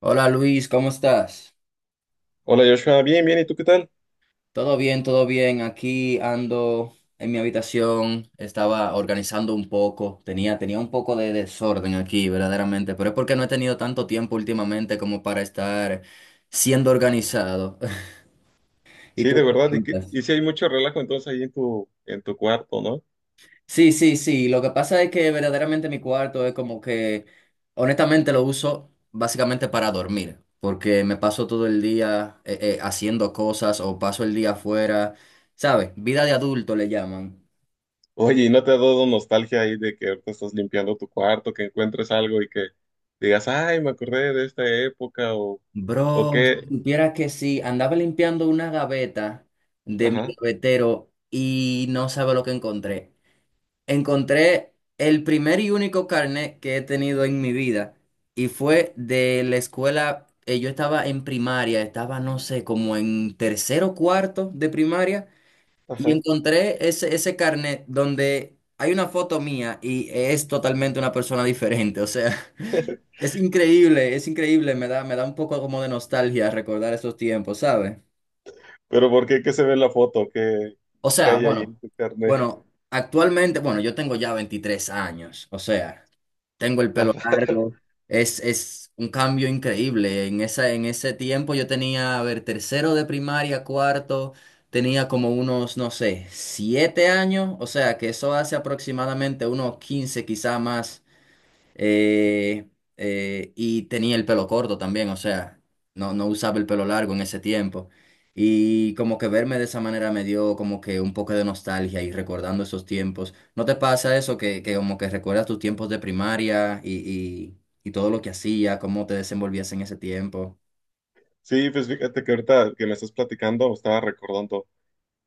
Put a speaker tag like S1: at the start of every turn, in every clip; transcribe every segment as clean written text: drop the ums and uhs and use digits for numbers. S1: Hola Luis, ¿cómo estás?
S2: Hola Joshua, bien, ¿y tú qué tal?
S1: Todo bien, todo bien. Aquí ando en mi habitación, estaba organizando un poco, tenía un poco de desorden aquí, verdaderamente, pero es porque no he tenido tanto tiempo últimamente como para estar siendo organizado. ¿Y
S2: Sí,
S1: tú?
S2: de verdad, y sí hay mucho relajo entonces ahí en tu cuarto, ¿no?
S1: Sí, sí, sí. Lo que pasa es que verdaderamente mi cuarto es como que, honestamente, lo uso básicamente para dormir, porque me paso todo el día haciendo cosas o paso el día afuera, ¿sabes? Vida de adulto le llaman.
S2: Oye, ¿y no te ha dado nostalgia ahí de que te estás limpiando tu cuarto, que encuentres algo y que digas, ay, me acordé de esta época o
S1: Bro,
S2: qué?
S1: si supieras que sí, andaba limpiando una gaveta de mi
S2: Ajá,
S1: gavetero y no sabe lo que encontré. Encontré el primer y único carnet que he tenido en mi vida y fue de la escuela. Yo estaba en primaria, estaba no sé, como en tercero o cuarto de primaria y
S2: ajá.
S1: encontré ese carnet donde hay una foto mía y es totalmente una persona diferente, o sea, es increíble, me da un poco como de nostalgia recordar esos tiempos, ¿sabes?
S2: Pero ¿por qué? ¿Qué se ve en la foto?
S1: O
S2: ¿Qué
S1: sea,
S2: hay ahí
S1: bueno,
S2: en tu carnet?
S1: bueno, actualmente, bueno, yo tengo ya 23 años, o sea. Tengo el pelo
S2: Ajá.
S1: largo. Es un cambio increíble. En esa, en ese tiempo yo tenía, a ver, tercero de primaria, cuarto, tenía como unos, no sé, 7 años. O sea, que eso hace aproximadamente unos 15 quizá más. Eh, y tenía el pelo corto también, o sea, no, no usaba el pelo largo en ese tiempo. Y como que verme de esa manera me dio como que un poco de nostalgia y recordando esos tiempos. ¿No te pasa eso que como que recuerdas tus tiempos de primaria y todo lo que hacías, cómo te desenvolvías en ese tiempo?
S2: Sí, pues fíjate que ahorita que me estás platicando, me estaba recordando.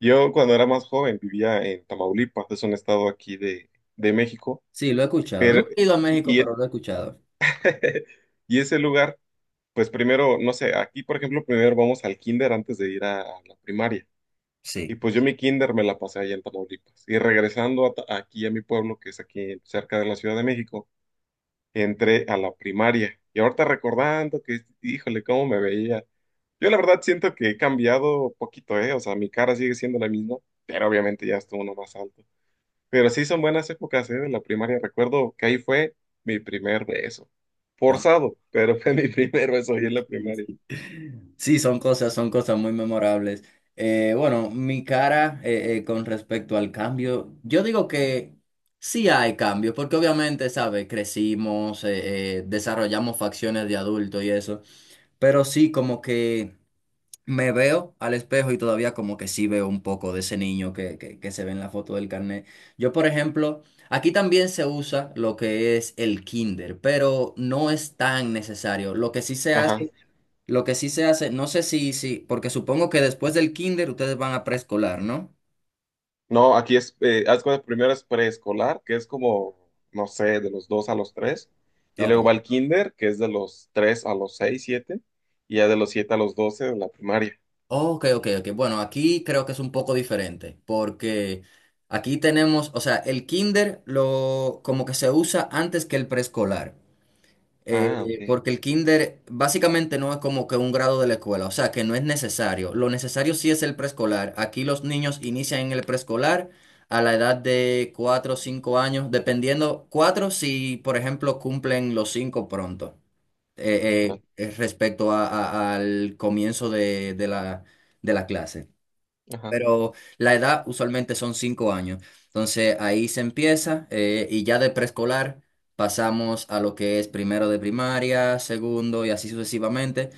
S2: Yo cuando era más joven vivía en Tamaulipas, es un estado aquí de México,
S1: Sí, lo he escuchado.
S2: pero...
S1: No he ido a México,
S2: Y
S1: pero lo he escuchado.
S2: Y ese lugar, pues primero, no sé, aquí por ejemplo, primero vamos al kinder antes de ir a la primaria. Y
S1: Sí.
S2: pues yo mi kinder me la pasé allá en Tamaulipas. Y regresando a aquí a mi pueblo, que es aquí cerca de la Ciudad de México, entré a la primaria. Y ahorita recordando que, híjole, cómo me veía. Yo la verdad siento que he cambiado poquito, ¿eh? O sea, mi cara sigue siendo la misma, pero obviamente ya estuvo uno más alto. Pero sí son buenas épocas, ¿eh? De la primaria. Recuerdo que ahí fue mi primer beso.
S1: Wow.
S2: Forzado, pero fue mi primer beso ahí en la primaria.
S1: Sí, son cosas muy memorables. Bueno, mi cara con respecto al cambio, yo digo que sí hay cambios, porque obviamente, ¿sabes? Crecimos, desarrollamos facciones de adulto y eso, pero sí como que me veo al espejo y todavía como que sí veo un poco de ese niño que se ve en la foto del carnet. Yo, por ejemplo, aquí también se usa lo que es el kinder, pero no es tan necesario.
S2: Ajá.
S1: Lo que sí se hace, no sé si, porque supongo que después del kinder ustedes van a preescolar, ¿no?
S2: No, aquí es, haz cuenta, primero es preescolar, que es como, no sé, de los dos a los tres. Y
S1: Ok.
S2: luego va el kinder, que es de los tres a los seis, siete. Y ya de los siete a los doce de la primaria.
S1: Ok, ok, ok. Bueno, aquí creo que es un poco diferente, porque aquí tenemos, o sea, el kinder lo como que se usa antes que el preescolar.
S2: Ah, ok.
S1: Porque el kinder básicamente no es como que un grado de la escuela, o sea que no es necesario. Lo necesario sí es el preescolar. Aquí los niños inician en el preescolar a la edad de 4 o 5 años, dependiendo, 4 si por ejemplo cumplen los 5 pronto,
S2: Ajá,
S1: respecto al comienzo de la clase.
S2: ajá.
S1: Pero la edad usualmente son 5 años. Entonces ahí se empieza y ya de preescolar pasamos a lo que es primero de primaria, segundo y así sucesivamente.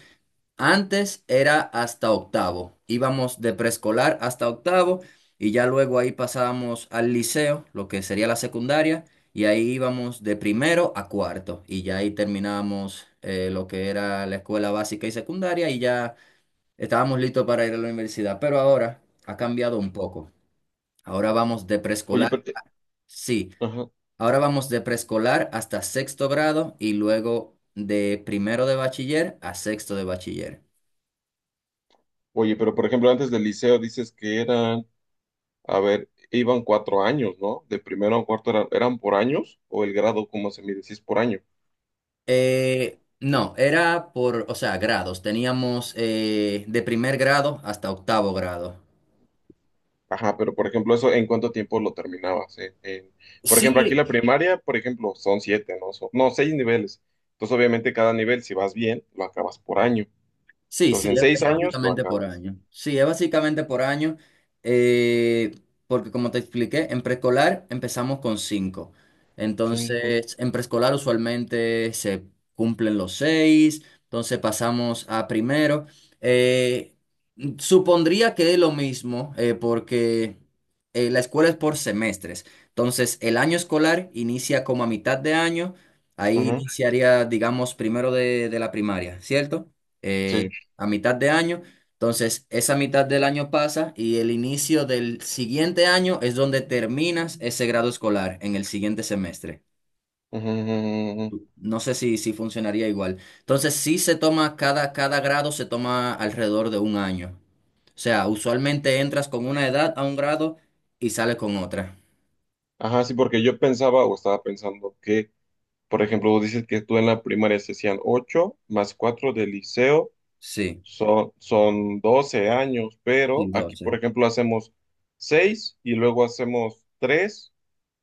S1: Antes era hasta octavo. Íbamos de preescolar hasta octavo y ya luego ahí pasábamos al liceo, lo que sería la secundaria, y ahí íbamos de primero a cuarto y ya ahí terminábamos lo que era la escuela básica y secundaria y ya... estábamos listos para ir a la universidad, pero ahora ha cambiado un poco. Ahora vamos de
S2: Oye, pero,
S1: preescolar,
S2: eh,
S1: sí,
S2: ajá.
S1: ahora vamos de preescolar hasta sexto grado y luego de primero de bachiller a sexto de bachiller.
S2: Oye, pero por ejemplo, antes del liceo dices que eran a ver, iban cuatro años, ¿no? De primero a cuarto eran por años o el grado, como se mide, si es por año.
S1: No, era por, o sea, grados. Teníamos de primer grado hasta octavo grado.
S2: Ajá, pero por ejemplo, eso, ¿en cuánto tiempo lo terminabas? Por ejemplo, aquí
S1: Sí,
S2: la primaria, por ejemplo, son siete, ¿no? No, seis niveles. Entonces, obviamente, cada nivel, si vas bien, lo acabas por año.
S1: sí,
S2: Entonces, en
S1: es
S2: seis
S1: es
S2: Años, lo
S1: básicamente por
S2: acabas.
S1: año. Sí, es básicamente por año, eh, porque como te expliqué, en preescolar empezamos con 5.
S2: Cinco.
S1: Entonces, en preescolar usualmente se cumplen los 6, entonces pasamos a primero. Eh, supondría que es lo mismo, porque la escuela es por semestres. Entonces, el año escolar inicia como a mitad de año, ahí
S2: Ujú,
S1: iniciaría, digamos, primero de la primaria, ¿cierto?
S2: sí.
S1: Eh, a mitad de año. Entonces, esa mitad del año pasa y el inicio del siguiente año es donde terminas ese grado escolar en el siguiente semestre.
S2: Ujú, ujú, ujú.
S1: No sé si funcionaría igual. Entonces, sí se toma cada grado, se toma alrededor de un año. O sea, usualmente entras con una edad a un grado y sales con otra.
S2: Ajá, sí, porque yo pensaba o estaba pensando que, por ejemplo, dices que tú en la primaria se hacían ocho más cuatro del liceo.
S1: Sí,
S2: Son 12 años, pero
S1: sí,
S2: aquí, por
S1: 12.
S2: ejemplo, hacemos 6 y luego hacemos 3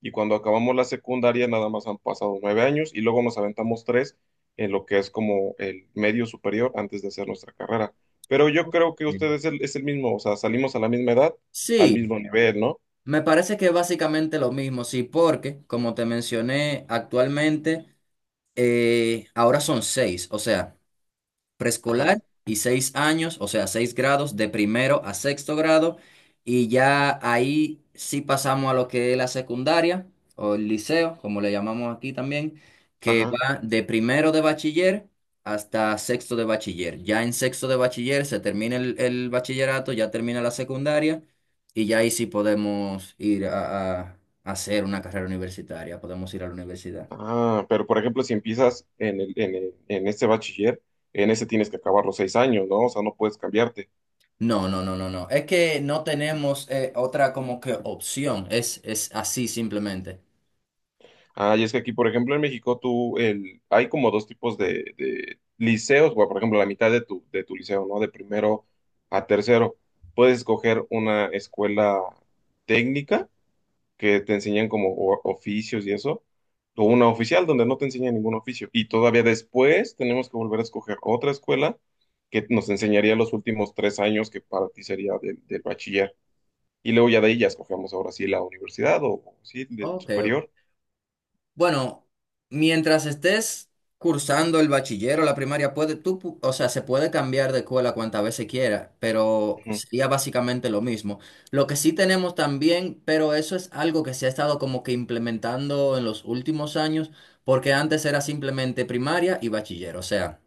S2: y cuando acabamos la secundaria nada más han pasado 9 años y luego nos aventamos 3 en lo que es como el medio superior antes de hacer nuestra carrera. Pero yo creo que
S1: Bien.
S2: ustedes es el mismo, o sea, salimos a la misma edad, al
S1: Sí,
S2: mismo nivel, ¿no?
S1: me parece que es básicamente lo mismo, sí, porque, como te mencioné, actualmente ahora son seis, o sea,
S2: Ajá,
S1: preescolar y seis años, o sea, seis grados de primero a sexto grado, y ya ahí sí pasamos a lo que es la secundaria o el liceo, como le llamamos aquí también, que
S2: ajá.
S1: va de primero de bachiller hasta sexto de bachiller. Ya en sexto de bachiller se termina el bachillerato, ya termina la secundaria, y ya ahí sí podemos ir a hacer una carrera universitaria, podemos ir a la universidad.
S2: Ah, pero por ejemplo, si empiezas en este bachiller, en ese tienes que acabar los 6 años, ¿no? O sea, no puedes cambiarte.
S1: No, no, no, no, no. Es que no tenemos otra como que opción. Es así simplemente.
S2: Ah, y es que aquí, por ejemplo, en México, hay como dos tipos de liceos, bueno, por ejemplo, la mitad de de tu liceo, ¿no? De primero a tercero. Puedes escoger una escuela técnica que te enseñan como oficios y eso, o una oficial donde no te enseñan ningún oficio. Y todavía después tenemos que volver a escoger otra escuela que nos enseñaría los últimos tres años que para ti sería del bachiller. Y luego ya de ahí ya escogemos ahora sí la universidad o sí, de
S1: Ok, ok.
S2: superior.
S1: Bueno, mientras estés cursando el bachiller la primaria, o sea, se puede cambiar de escuela cuantas veces quiera, pero
S2: Ujú.
S1: sería básicamente lo mismo. Lo que sí tenemos también, pero eso es algo que se ha estado como que implementando en los últimos años, porque antes era simplemente primaria y bachiller, o sea,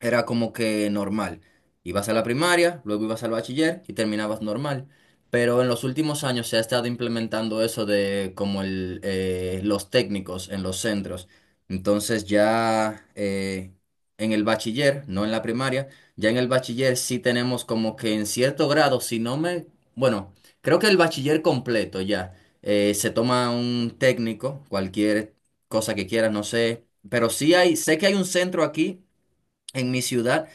S1: era como que normal. Ibas a la primaria, luego ibas al bachiller y terminabas normal. Pero en los últimos años se ha estado implementando eso de como el, los técnicos en los centros. Entonces ya en el bachiller, no en la primaria, ya en el bachiller sí tenemos como que en cierto grado, si no me... bueno, creo que el bachiller completo ya. Se toma un técnico, cualquier cosa que quieras, no sé. Pero sí hay, sé que hay un centro aquí en mi ciudad,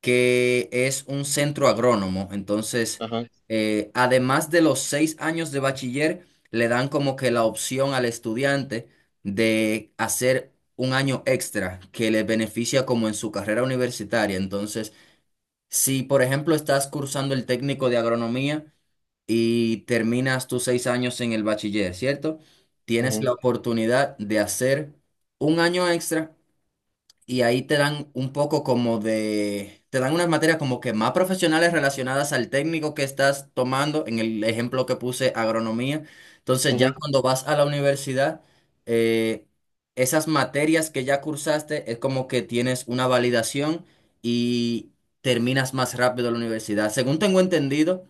S1: que es un centro agrónomo. Entonces,
S2: Ajá.
S1: además de los 6 años de bachiller, le dan como que la opción al estudiante de hacer un año extra que le beneficia como en su carrera universitaria. Entonces, si por ejemplo estás cursando el técnico de agronomía y terminas tus 6 años en el bachiller, ¿cierto? Tienes
S2: Ujú.
S1: la oportunidad de hacer un año extra y ahí te dan un poco como de, te dan unas materias como que más profesionales relacionadas al técnico que estás tomando, en el ejemplo que puse, agronomía. Entonces ya
S2: Ujú.
S1: cuando vas a la universidad, eh, esas materias que ya cursaste es como que tienes una validación y terminas más rápido la universidad. Según tengo entendido,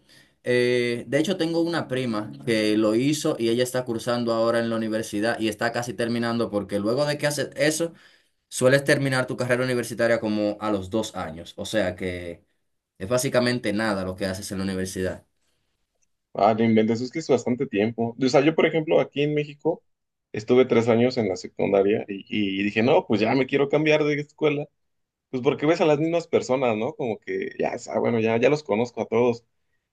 S1: de hecho tengo una prima que lo hizo y ella está cursando ahora en la universidad y está casi terminando porque luego de que haces eso, sueles terminar tu carrera universitaria como a los 2 años, o sea que es básicamente nada lo que haces en la universidad.
S2: Ah, no inventes, es que es bastante tiempo. O sea, yo, por ejemplo, aquí en México estuve tres años en la secundaria y dije, no, pues ya me quiero cambiar de escuela. Pues porque ves a las mismas personas, ¿no? Como que bueno, ya los conozco a todos.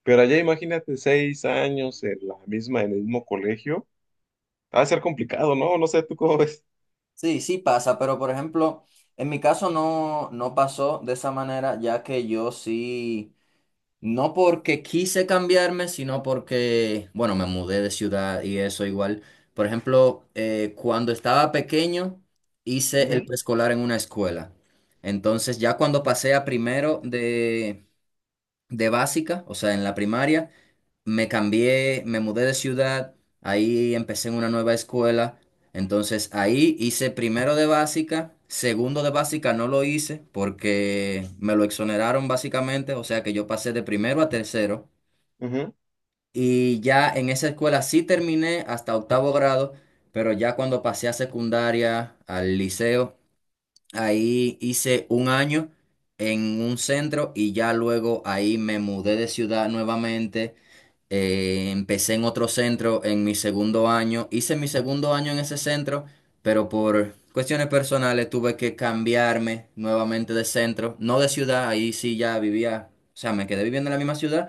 S2: Pero allá imagínate seis años en la misma, en el mismo colegio. Va a ser complicado, ¿no? No sé, ¿tú cómo ves?
S1: Sí, sí pasa, pero por ejemplo, en mi caso no, no pasó de esa manera, ya que yo sí, no porque quise cambiarme, sino porque, bueno, me mudé de ciudad y eso igual. Por ejemplo, cuando estaba pequeño, hice
S2: Ujú,
S1: el preescolar en una escuela. Entonces, ya cuando pasé a primero de básica, o sea, en la primaria, me cambié, me mudé de ciudad, ahí empecé en una nueva escuela, entonces ahí hice primero de básica, segundo de básica no lo hice porque me lo exoneraron básicamente, o sea que yo pasé de primero a tercero
S2: ujú.
S1: y ya en esa escuela sí terminé hasta octavo grado, pero ya cuando pasé a secundaria, al liceo, ahí hice un año en un centro y ya luego ahí me mudé de ciudad nuevamente. Empecé en otro centro en mi segundo año. Hice mi segundo año en ese centro, pero por cuestiones personales tuve que cambiarme nuevamente de centro. No de ciudad, ahí sí ya vivía, o sea, me quedé viviendo en la misma ciudad,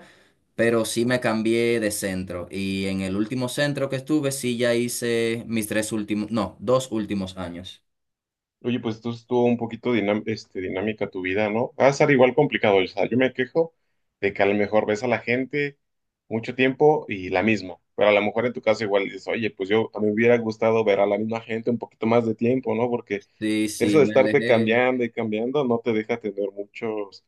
S1: pero sí me cambié de centro. Y en el último centro que estuve, sí ya hice mis tres últimos, no, dos últimos años.
S2: Oye, pues tú estuvo un poquito dinámica tu vida, ¿no? Va a ser igual complicado. O sea, yo me quejo de que a lo mejor ves a la gente mucho tiempo y la misma. Pero a lo mejor en tu caso igual dices, oye, pues yo a mí me hubiera gustado ver a la misma gente un poquito más de tiempo, ¿no? Porque
S1: Sí,
S2: eso
S1: sí,
S2: de
S1: me
S2: estarte
S1: alejé.
S2: cambiando y cambiando no te deja tener muchos,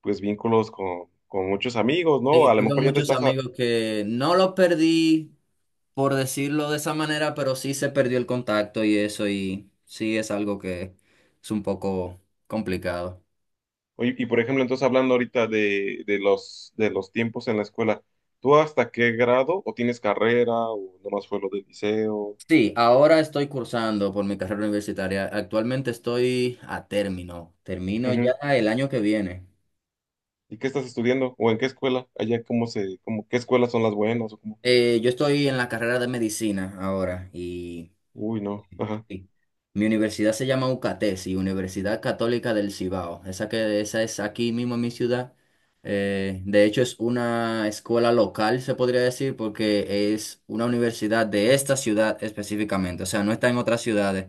S2: pues, vínculos con muchos amigos, ¿no?
S1: Sí,
S2: A lo
S1: tuve
S2: mejor ya te
S1: muchos
S2: estás
S1: amigos que no los perdí por decirlo de esa manera, pero sí se perdió el contacto y eso, y sí es algo que es un poco complicado.
S2: oye, y por ejemplo, entonces hablando ahorita de los tiempos en la escuela, ¿tú hasta qué grado o tienes carrera o nomás fue lo del liceo?
S1: Sí, ahora estoy cursando por mi carrera universitaria. Actualmente estoy a término. Termino ya
S2: Ujú.
S1: el año que viene.
S2: ¿Y qué estás estudiando? ¿O en qué escuela? Allá cómo se, cómo, ¿qué escuelas son las buenas o cómo?
S1: Yo estoy en la carrera de medicina ahora y
S2: Uy, no. Ajá.
S1: sí. Mi universidad se llama UCATESI, Universidad Católica del Cibao. Esa es aquí mismo en mi ciudad. De hecho, es una escuela local, se podría decir, porque es una universidad de esta ciudad específicamente. O sea, no está en otras ciudades.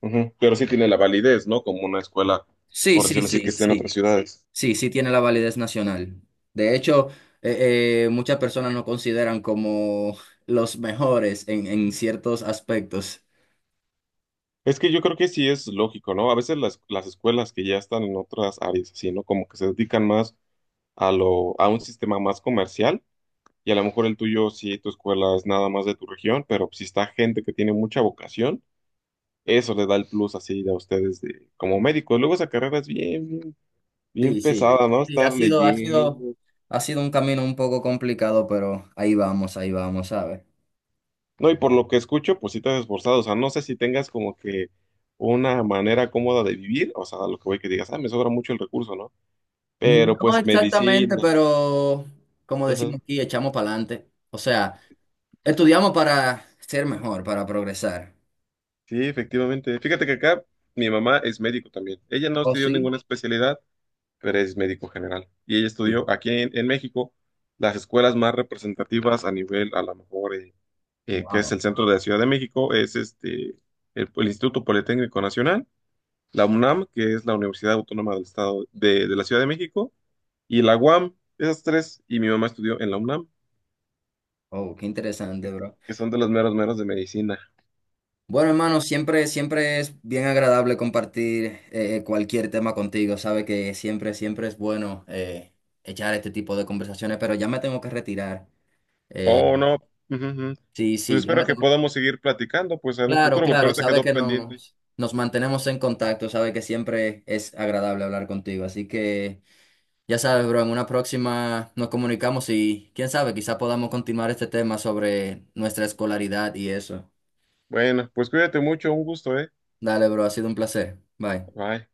S2: Ujú. Pero sí tiene la validez, ¿no? Como una escuela,
S1: Sí,
S2: por
S1: sí,
S2: decirlo así, que
S1: sí,
S2: esté en
S1: sí.
S2: otras ciudades.
S1: Sí, sí tiene la validez nacional. De hecho, muchas personas nos consideran como los mejores en ciertos aspectos.
S2: Es que yo creo que sí es lógico, ¿no? A veces las escuelas que ya están en otras áreas, así, ¿no? Como que se dedican más a lo, a un sistema más comercial y a lo mejor el tuyo, sí, tu escuela es nada más de tu región, pero si está gente que tiene mucha vocación, eso le da el plus así a ustedes de, como médicos. Luego esa carrera es bien
S1: Sí, sí,
S2: pesada, ¿no?
S1: sí,
S2: Estar leyendo.
S1: ha sido un camino un poco complicado, pero ahí vamos, ¿sabes?
S2: No, y por lo que escucho, pues sí te has esforzado. O sea, no sé si tengas como que una manera cómoda de vivir, o sea, a lo que voy que digas, ah, me sobra mucho el recurso, ¿no? Pero
S1: No
S2: pues
S1: exactamente,
S2: medicina.
S1: pero como
S2: Ajá.
S1: decimos aquí, echamos para adelante. O sea, estudiamos para ser mejor, para progresar.
S2: Sí, efectivamente. Fíjate que acá mi mamá es médico también. Ella no
S1: ¿Oh,
S2: estudió
S1: sí?
S2: ninguna especialidad, pero es médico general. Y ella
S1: Sí.
S2: estudió aquí en México las escuelas más representativas a nivel, a lo mejor, que es
S1: Wow.
S2: el centro de la Ciudad de México, es este, el Instituto Politécnico Nacional, la UNAM, que es la Universidad Autónoma del Estado de la Ciudad de México, y la UAM, esas tres, y mi mamá estudió en la UNAM,
S1: Oh, qué
S2: que
S1: interesante, bro.
S2: que son de los meros meros de medicina.
S1: Bueno, hermano, siempre, siempre es bien agradable compartir cualquier tema contigo. Sabe que siempre, siempre es bueno echar este tipo de conversaciones, pero ya me tengo que retirar. Eh,
S2: Oh, no. Ujú, ujú.
S1: Sí,
S2: Pues
S1: sí, ya
S2: espero
S1: me
S2: que
S1: tengo.
S2: podamos seguir platicando, pues en un
S1: Claro,
S2: futuro, porque
S1: claro,
S2: ahorita
S1: sabe
S2: quedó
S1: que
S2: pendiente.
S1: nos mantenemos en contacto, sabe que siempre es agradable hablar contigo. Así que ya sabes, bro, en una próxima nos comunicamos y quién sabe, quizá podamos continuar este tema sobre nuestra escolaridad y eso.
S2: Bueno, pues cuídate mucho, un gusto, ¿eh?
S1: Dale, bro, ha sido un placer. Bye.
S2: Bye.